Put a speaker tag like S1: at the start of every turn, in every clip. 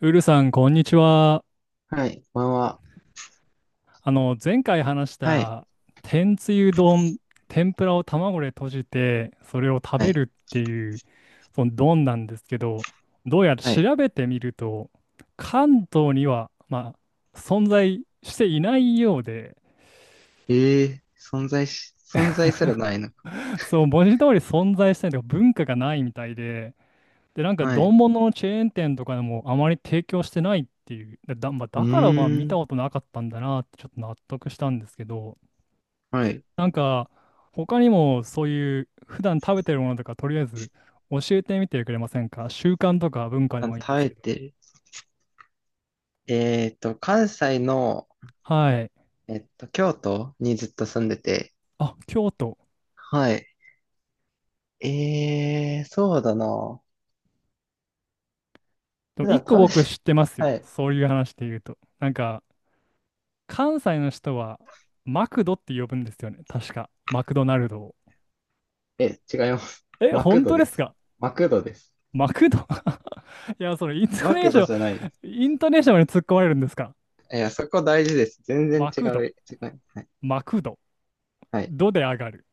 S1: ウルさん、こんにちは。
S2: はい、こんばんは。
S1: 前回話し
S2: はい、
S1: た、天つゆ丼、天ぷらを卵で閉じて、それを食
S2: は
S1: べ
S2: い、
S1: るっていう、その丼なんですけど、どうやら
S2: はい。
S1: 調べてみると、関東には、まあ、存在していないようで、
S2: ええ、存在し、存在すらないのか。
S1: そう、文字通り存在してないというか、文化がないみたいで、で、なんか、
S2: はい。
S1: 丼物のチェーン店とかでも、あまり提供してないっていう、だまあ
S2: う
S1: だから、まあ、見
S2: ー
S1: た
S2: ん、
S1: ことなかったんだなって、ちょっと納得したんですけど、
S2: はい。
S1: なんか、他にもそういう普段食べてるものとか、とりあえず教えてみてくれませんか？習慣とか文化で
S2: あ、
S1: もいいんです
S2: 耐え
S1: けど。
S2: てる。関西の、
S1: はい。
S2: 京都にずっと住んでて。
S1: あ、京都。
S2: はい。ええ、そうだな。
S1: でも
S2: 普
S1: 一
S2: 段
S1: 個
S2: 食べて、
S1: 僕知ってま すよ。
S2: はい。
S1: そういう話で言うと。なんか、関西の人はマクドって呼ぶんですよね。確か。マクドナルドを。
S2: え、違います。
S1: え、
S2: マク
S1: 本
S2: ド
S1: 当で
S2: で
S1: す
S2: す。
S1: か？
S2: マクドです。
S1: マクド。 いや、それイント
S2: マ
S1: ネー
S2: ク
S1: シ
S2: ド
S1: ョン、
S2: じゃないです。
S1: イントネーションまで突っ込まれるんですか？
S2: いや、そこ大事です。全然
S1: マ
S2: 違
S1: ク
S2: う。
S1: ド、
S2: 違う。はい。
S1: マクド、
S2: はい。
S1: ドで上がる。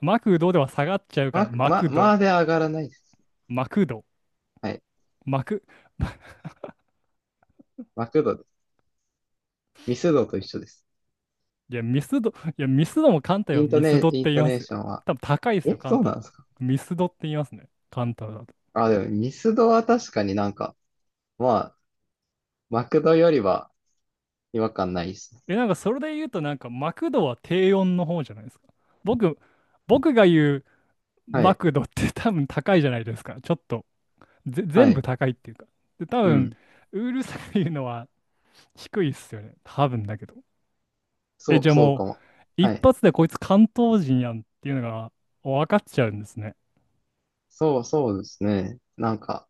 S1: マクドでは下がっちゃうから、
S2: マ、
S1: マ
S2: ま、
S1: クド、
S2: まで上がらないです。
S1: マクド。
S2: はい。
S1: 幕。
S2: マクドです。ミスドと一緒です。
S1: いや、ミスド、いや、ミスドも関西
S2: イ
S1: は
S2: ント
S1: ミス
S2: ネ、
S1: ドっ
S2: イン
S1: て言い
S2: ト
S1: ま
S2: ネー
S1: すよ。
S2: ションは、
S1: 多分高いですよ、
S2: え、
S1: 関
S2: そうな
S1: 西。
S2: んですか？
S1: ミスドって言いますね、関東だと。
S2: あ、でもミスドは確かになんか、まあ、マクドよりは違和感ないですね。
S1: え、なんかそれで言うと、なんかマクドは低温の方じゃないですか。僕、僕が言う
S2: は
S1: マ
S2: い、
S1: クドって、 多分高いじゃないですか。ちょっと、
S2: は
S1: 全部
S2: い、
S1: 高いっていうか。で、多
S2: う
S1: 分、
S2: ん。
S1: ウールさんが言うのは低いっすよね。多分だけど。え、
S2: そ
S1: じ
S2: う、
S1: ゃあ
S2: そう
S1: も
S2: かも。
S1: う、
S2: は
S1: 一
S2: い。
S1: 発でこいつ関東人やんっていうのが分かっちゃうんですね。
S2: そう、そうですね。なんか、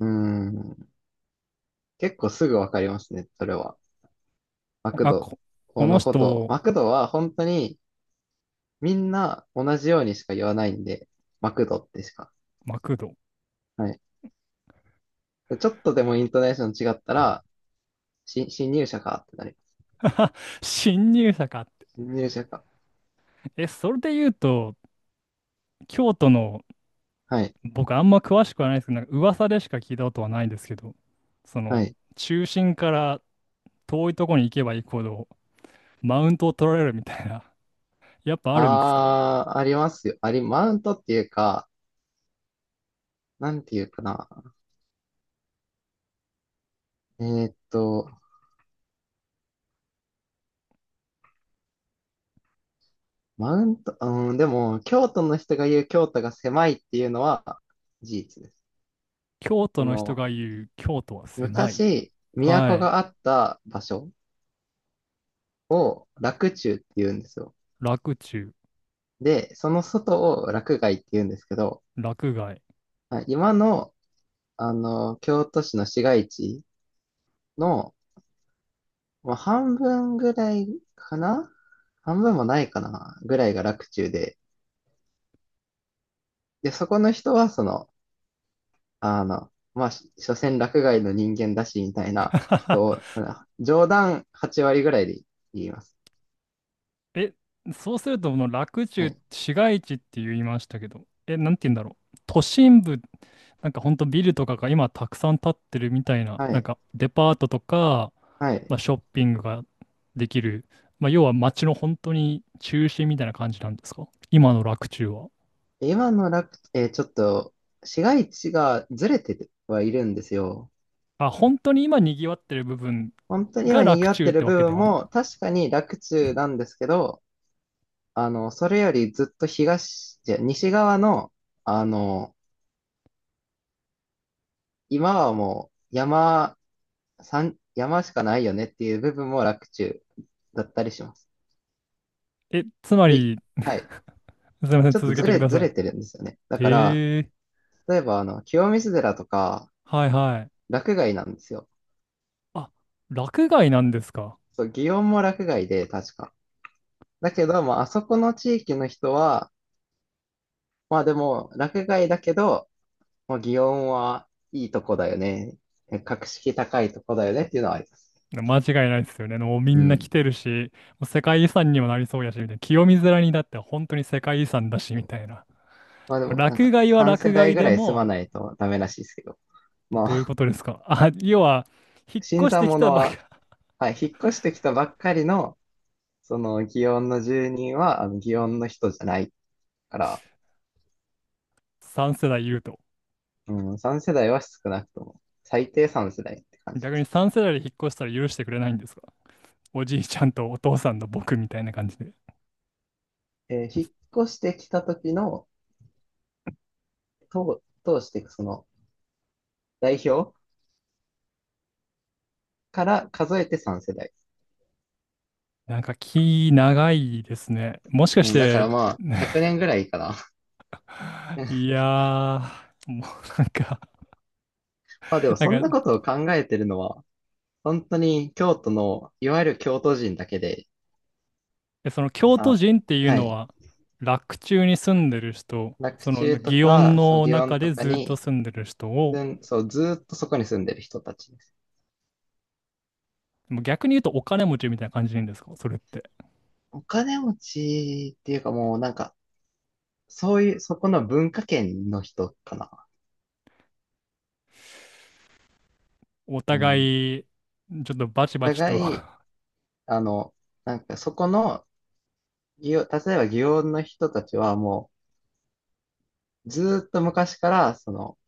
S2: うーん、結構すぐわかりますね、それは。マク
S1: あ、
S2: ド
S1: こ、この
S2: のこと。
S1: 人、
S2: マクドは本当にみんな同じようにしか言わないんで、マクドってしか。
S1: マクド。
S2: はい。ちょっとでもイントネーション違ったら、新、新入社かってなります。
S1: 新入社かって。
S2: 新入社か。
S1: え、それで言うと、京都の、
S2: はい。
S1: 僕あんま詳しくはないですけど、なんか噂でしか聞いたことはないんですけど、そ
S2: は
S1: の、
S2: い。
S1: 中心から遠いとこに行けば行くほど、マウントを取られるみたいな、やっぱあるんですか？
S2: ああ、ありますよ。あり、マウントっていうか、なんていうかな。えーっと、マウント、うん、でも、京都の人が言う京都が狭いっていうのは事実です。
S1: 京都
S2: そ
S1: の人
S2: の、
S1: が言う京都は狭い。
S2: 昔、
S1: は
S2: 都
S1: い。
S2: があった場所、洛中って言うんですよ。
S1: 洛中、
S2: で、その外を洛外って言うんですけど、
S1: 洛外。
S2: はい、今の、京都市の市街地の、まあ、半分ぐらいかな、半分もないかなぐらいが洛中で、で、そこの人は、その、まあ、し、所詮落外の人間だし、みたいなことを、あ、冗談8割ぐらいで言います。
S1: え、そうすると、この洛
S2: は
S1: 中、
S2: い。
S1: 市街地って言いましたけど、え、なんて言うんだろう。都心部、なんかほんとビルとかが今たくさん建ってるみたいな、
S2: は
S1: なん
S2: い。
S1: かデパートとか、
S2: はい。
S1: まあ、ショッピングができる、まあ、要は街の本当に中心みたいな感じなんですか？今の洛中は。
S2: 今の楽、えー、ちょっと、市街地がずれてはいるんですよ。
S1: あ、本当に今賑わってる部分
S2: 本当に
S1: が
S2: は
S1: 洛
S2: 賑わっ
S1: 中っ
S2: てる
S1: て
S2: 部
S1: わけで
S2: 分
S1: はない。
S2: も、確かに楽中なんですけど、それよりずっと東、じゃ、西側の、あの、今はもう山、山、山しかないよねっていう部分も楽中だったりします。
S1: え、つま
S2: で、
S1: り、
S2: はい。
S1: すみません、
S2: ちょっと
S1: 続け
S2: ず
S1: てく
S2: れ、
S1: だ
S2: ず
S1: さい。
S2: れてるんですよね。だから、
S1: ええ、
S2: 例えば、清水寺とか、
S1: はいはい。
S2: 洛外なんですよ。
S1: あ、落外なんですか。
S2: そう、祇園も洛外で、確か。だけど、まあ、あそこの地域の人は、まあでも、洛外だけど、まあ、祇園はいいとこだよね。格式高いとこだよねっていうのはあります。
S1: 間違いないですよね。もうみ
S2: う
S1: んな来
S2: ん。
S1: てるし、もう世界遺産にもなりそうやし、みたいな。清水寺にだって本当に世界遺産だし、みたいな。
S2: まあで
S1: ま
S2: も、なん
S1: 落
S2: か、
S1: 外は
S2: 3世
S1: 落
S2: 代
S1: 外
S2: ぐ
S1: で
S2: らい住ま
S1: も、
S2: ないとダメらしいですけど。ま
S1: どういうこ
S2: あ、
S1: とですか？あ、要は、引っ
S2: 新
S1: 越して
S2: 参
S1: き
S2: 者
S1: たばか、
S2: は、はい、引っ越してきたばっかりの、その、祇園の住人は、祇園の人じゃないから、
S1: 3世代いると。
S2: うん、3世代は少なくとも、最低3世代って感じで
S1: 逆に
S2: す。
S1: 3世代で引っ越したら許してくれないんですか？おじいちゃんとお父さんの僕みたいな感じで。
S2: えー、引っ越してきた時の、当通していくその、代表から数えて3世代。
S1: なんか気長いですね。もしかし
S2: うん、だか
S1: て、
S2: らまあ、100年ぐらいかな。
S1: い やー、もうなんか、
S2: まあでも、
S1: なん
S2: そんな
S1: か、
S2: ことを考えてるのは、本当に京都の、いわゆる京都人だけで、
S1: え、その京都
S2: あ、
S1: 人っていう
S2: は
S1: の
S2: い。
S1: は、洛中に住んでる人、
S2: 洛
S1: その
S2: 中と
S1: 祇園
S2: か、そう、
S1: の
S2: 祇
S1: 中
S2: 園と
S1: で
S2: か
S1: ずっと
S2: に、
S1: 住んでる人を、
S2: 住んそう、ずーっとそこに住んでる人たち。
S1: もう逆に言うとお金持ちみたいな感じでいいんですか？それって。
S2: お金持ちっていうかもうなんか、そういう、そこの文化圏の人かな。
S1: お
S2: う
S1: 互
S2: ん。
S1: い、ちょっとバ
S2: お
S1: チバチと、
S2: 互い、
S1: は
S2: あの、なんかそこの、祇園、例えば祇園の人たちはもう、ずーっと昔から、その、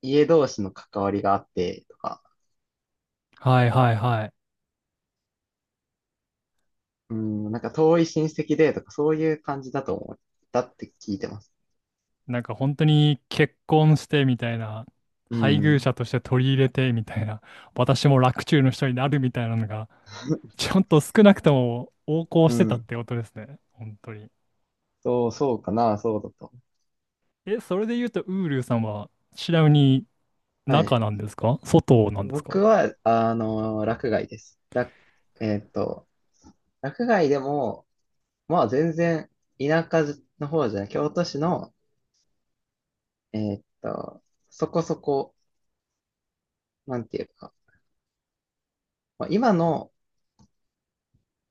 S2: 家同士の関わりがあってとか、
S1: いはいはい。
S2: うん、なんか遠い親戚でとか、そういう感じだと思ったって聞いてます。
S1: なんか本当に結婚してみたいな、
S2: う
S1: 配偶者
S2: ん。
S1: として取り入れてみたいな、私も洛中の人になるみたいなのが、ちゃんと少なくとも横行
S2: う
S1: してたっ
S2: ん。
S1: てことですね。本当に。
S2: そう、そうかな、そうだと。
S1: え、それで言うと、ウールーさんは、ちなみに
S2: はい。
S1: 中なんですか？外なんです
S2: 僕
S1: か？
S2: は、落外です。ら、えっと、落外でも、まあ全然田舎の方じゃない、京都市の、えーっと、そこそこ、なんていうか、まあ、今の、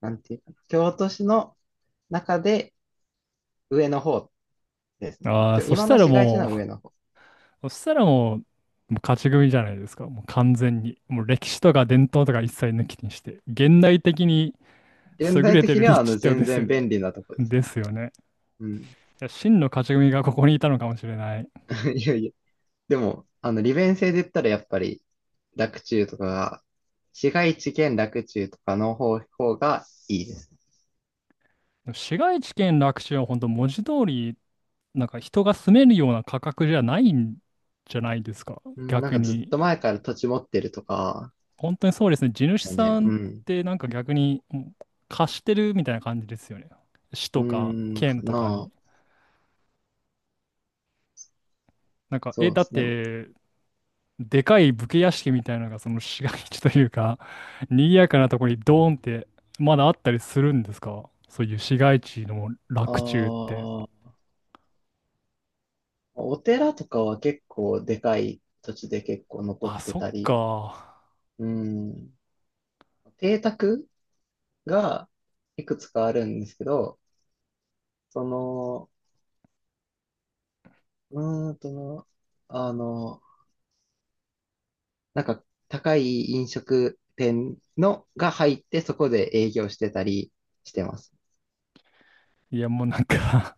S2: なんていうか、京都市の中で上の方ですね。
S1: ああー、
S2: きょ、今の市街地の上の方。
S1: そしたらもう、もう勝ち組じゃないですか。もう完全に。もう歴史とか伝統とか一切抜きにして。現代的に
S2: 現
S1: 優
S2: 代
S1: れて
S2: 的
S1: る
S2: にはあ
S1: 立地
S2: の
S1: ってこと
S2: 全
S1: ですよ
S2: 然便
S1: ね。
S2: 利なとこです。
S1: ですよね。
S2: うん。
S1: いや真の勝ち組がここにいたのかもしれない。
S2: いやいや。でも、あの利便性で言ったらやっぱり洛中とかが、市街地兼洛中とかの方、方がいいです。
S1: 市街地圏楽地は本当文字通り、なんか人が住めるような価格じゃないんじゃないですか。
S2: うん、なん
S1: 逆
S2: かずっ
S1: に。
S2: と前から土地持ってるとか、
S1: 本当にそうですね。地主
S2: よね。
S1: さん
S2: う
S1: っ
S2: ん。
S1: てなんか逆にうん貸してるみたいな感じですよね。市
S2: う
S1: とか
S2: ーん、か
S1: 県とか
S2: な。
S1: に。なんか、え、
S2: そうで
S1: だっ
S2: すね。あ
S1: て、でかい武家屋敷みたいなのがその市街地というか、賑やかなとこにドーンってまだあったりするんですか？そういう市街地の洛中って。
S2: あ、お寺とかは結構でかい土地で結構残っ
S1: あ、
S2: て
S1: そっ
S2: たり、
S1: か。
S2: うん。邸宅がいくつかあるんですけど、その、うーんと、あの、なんか高い飲食店のが入ってそこで営業してたりしてます。
S1: いや、もうなんか、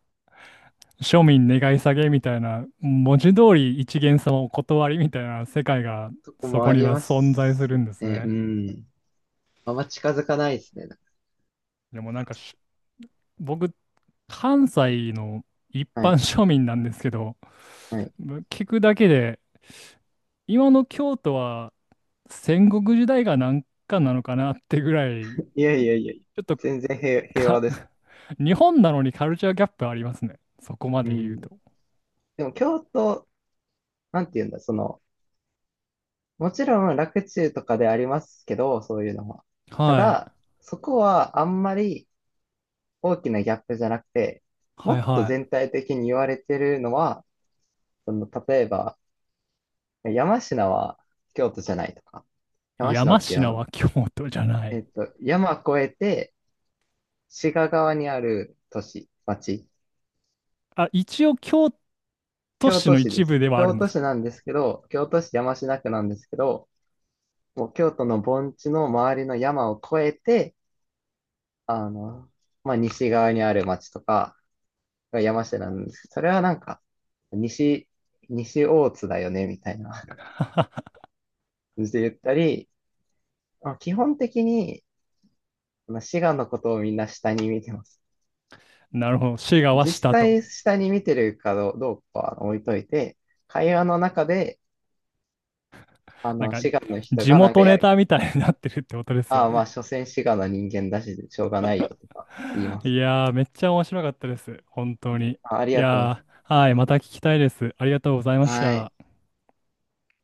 S1: 庶民願い下げみたいな、文字通り一元様お断りみたいな世界が
S2: そこ
S1: そ
S2: も
S1: こ
S2: あ
S1: に
S2: り
S1: は
S2: ま
S1: 存在す
S2: す
S1: るんです
S2: ね。う
S1: ね。
S2: ん。あんま近づかないですね。
S1: でもなんか僕、関西の一
S2: は
S1: 般
S2: い。
S1: 庶民なんですけど、
S2: はい、
S1: 聞くだけで、今の京都は戦国時代がなんかなのかなってぐらい、
S2: いやいやいやいや、
S1: ちょっと
S2: 全然平、平
S1: か、
S2: 和ですよ。
S1: 日本なのにカルチャーギャップありますね。そこま
S2: う
S1: で言う
S2: ん。
S1: と。
S2: でも京都、なんて言うんだ、その、もちろん楽中とかでありますけど、そういうのは。た
S1: は
S2: だ、
S1: い。
S2: そこはあんまり大きなギャップじゃなくて、
S1: は
S2: も
S1: い
S2: っと
S1: は
S2: 全体的に言われてるのは、その、例えば、山科は京都じゃないとか、
S1: い。
S2: 山科
S1: 山
S2: っていうあ
S1: 科
S2: の、
S1: は京都じゃない。
S2: 山越えて、滋賀側にある都市、町、
S1: あ、一応京都
S2: 京
S1: 市
S2: 都
S1: の
S2: 市で
S1: 一部
S2: す。
S1: ではある
S2: 京
S1: んで
S2: 都
S1: す
S2: 市
S1: か？
S2: なんですけど、京都市山科区なんですけど、もう京都の盆地の周りの山を越えて、あの、まあ、西側にある町とかが山下なんですけど、それはなんか、西、西大津だよね、みたいな感じで言ったり、まあ、基本的に、まあ滋賀のことをみんな下に見てます。
S1: なるほど。滋賀は
S2: 実
S1: 下と。
S2: 際下に見てるかどうどうかは置いといて、会話の中で、
S1: なんか、
S2: 滋賀の人
S1: 地
S2: がなんか
S1: 元
S2: や
S1: ネ
S2: るか
S1: タ
S2: ら、
S1: みたいになってるってことですよ
S2: ああ、まあ、
S1: ね。
S2: 所詮滋賀の人間だし、しょうがないよとか言いま
S1: い
S2: す。
S1: やー、めっちゃ面白かったです。本当に。
S2: あ、あり
S1: い
S2: がとうござい
S1: やー、はい。また聞きたいです。ありがとうございま
S2: ま
S1: し
S2: す。は
S1: た。
S2: い。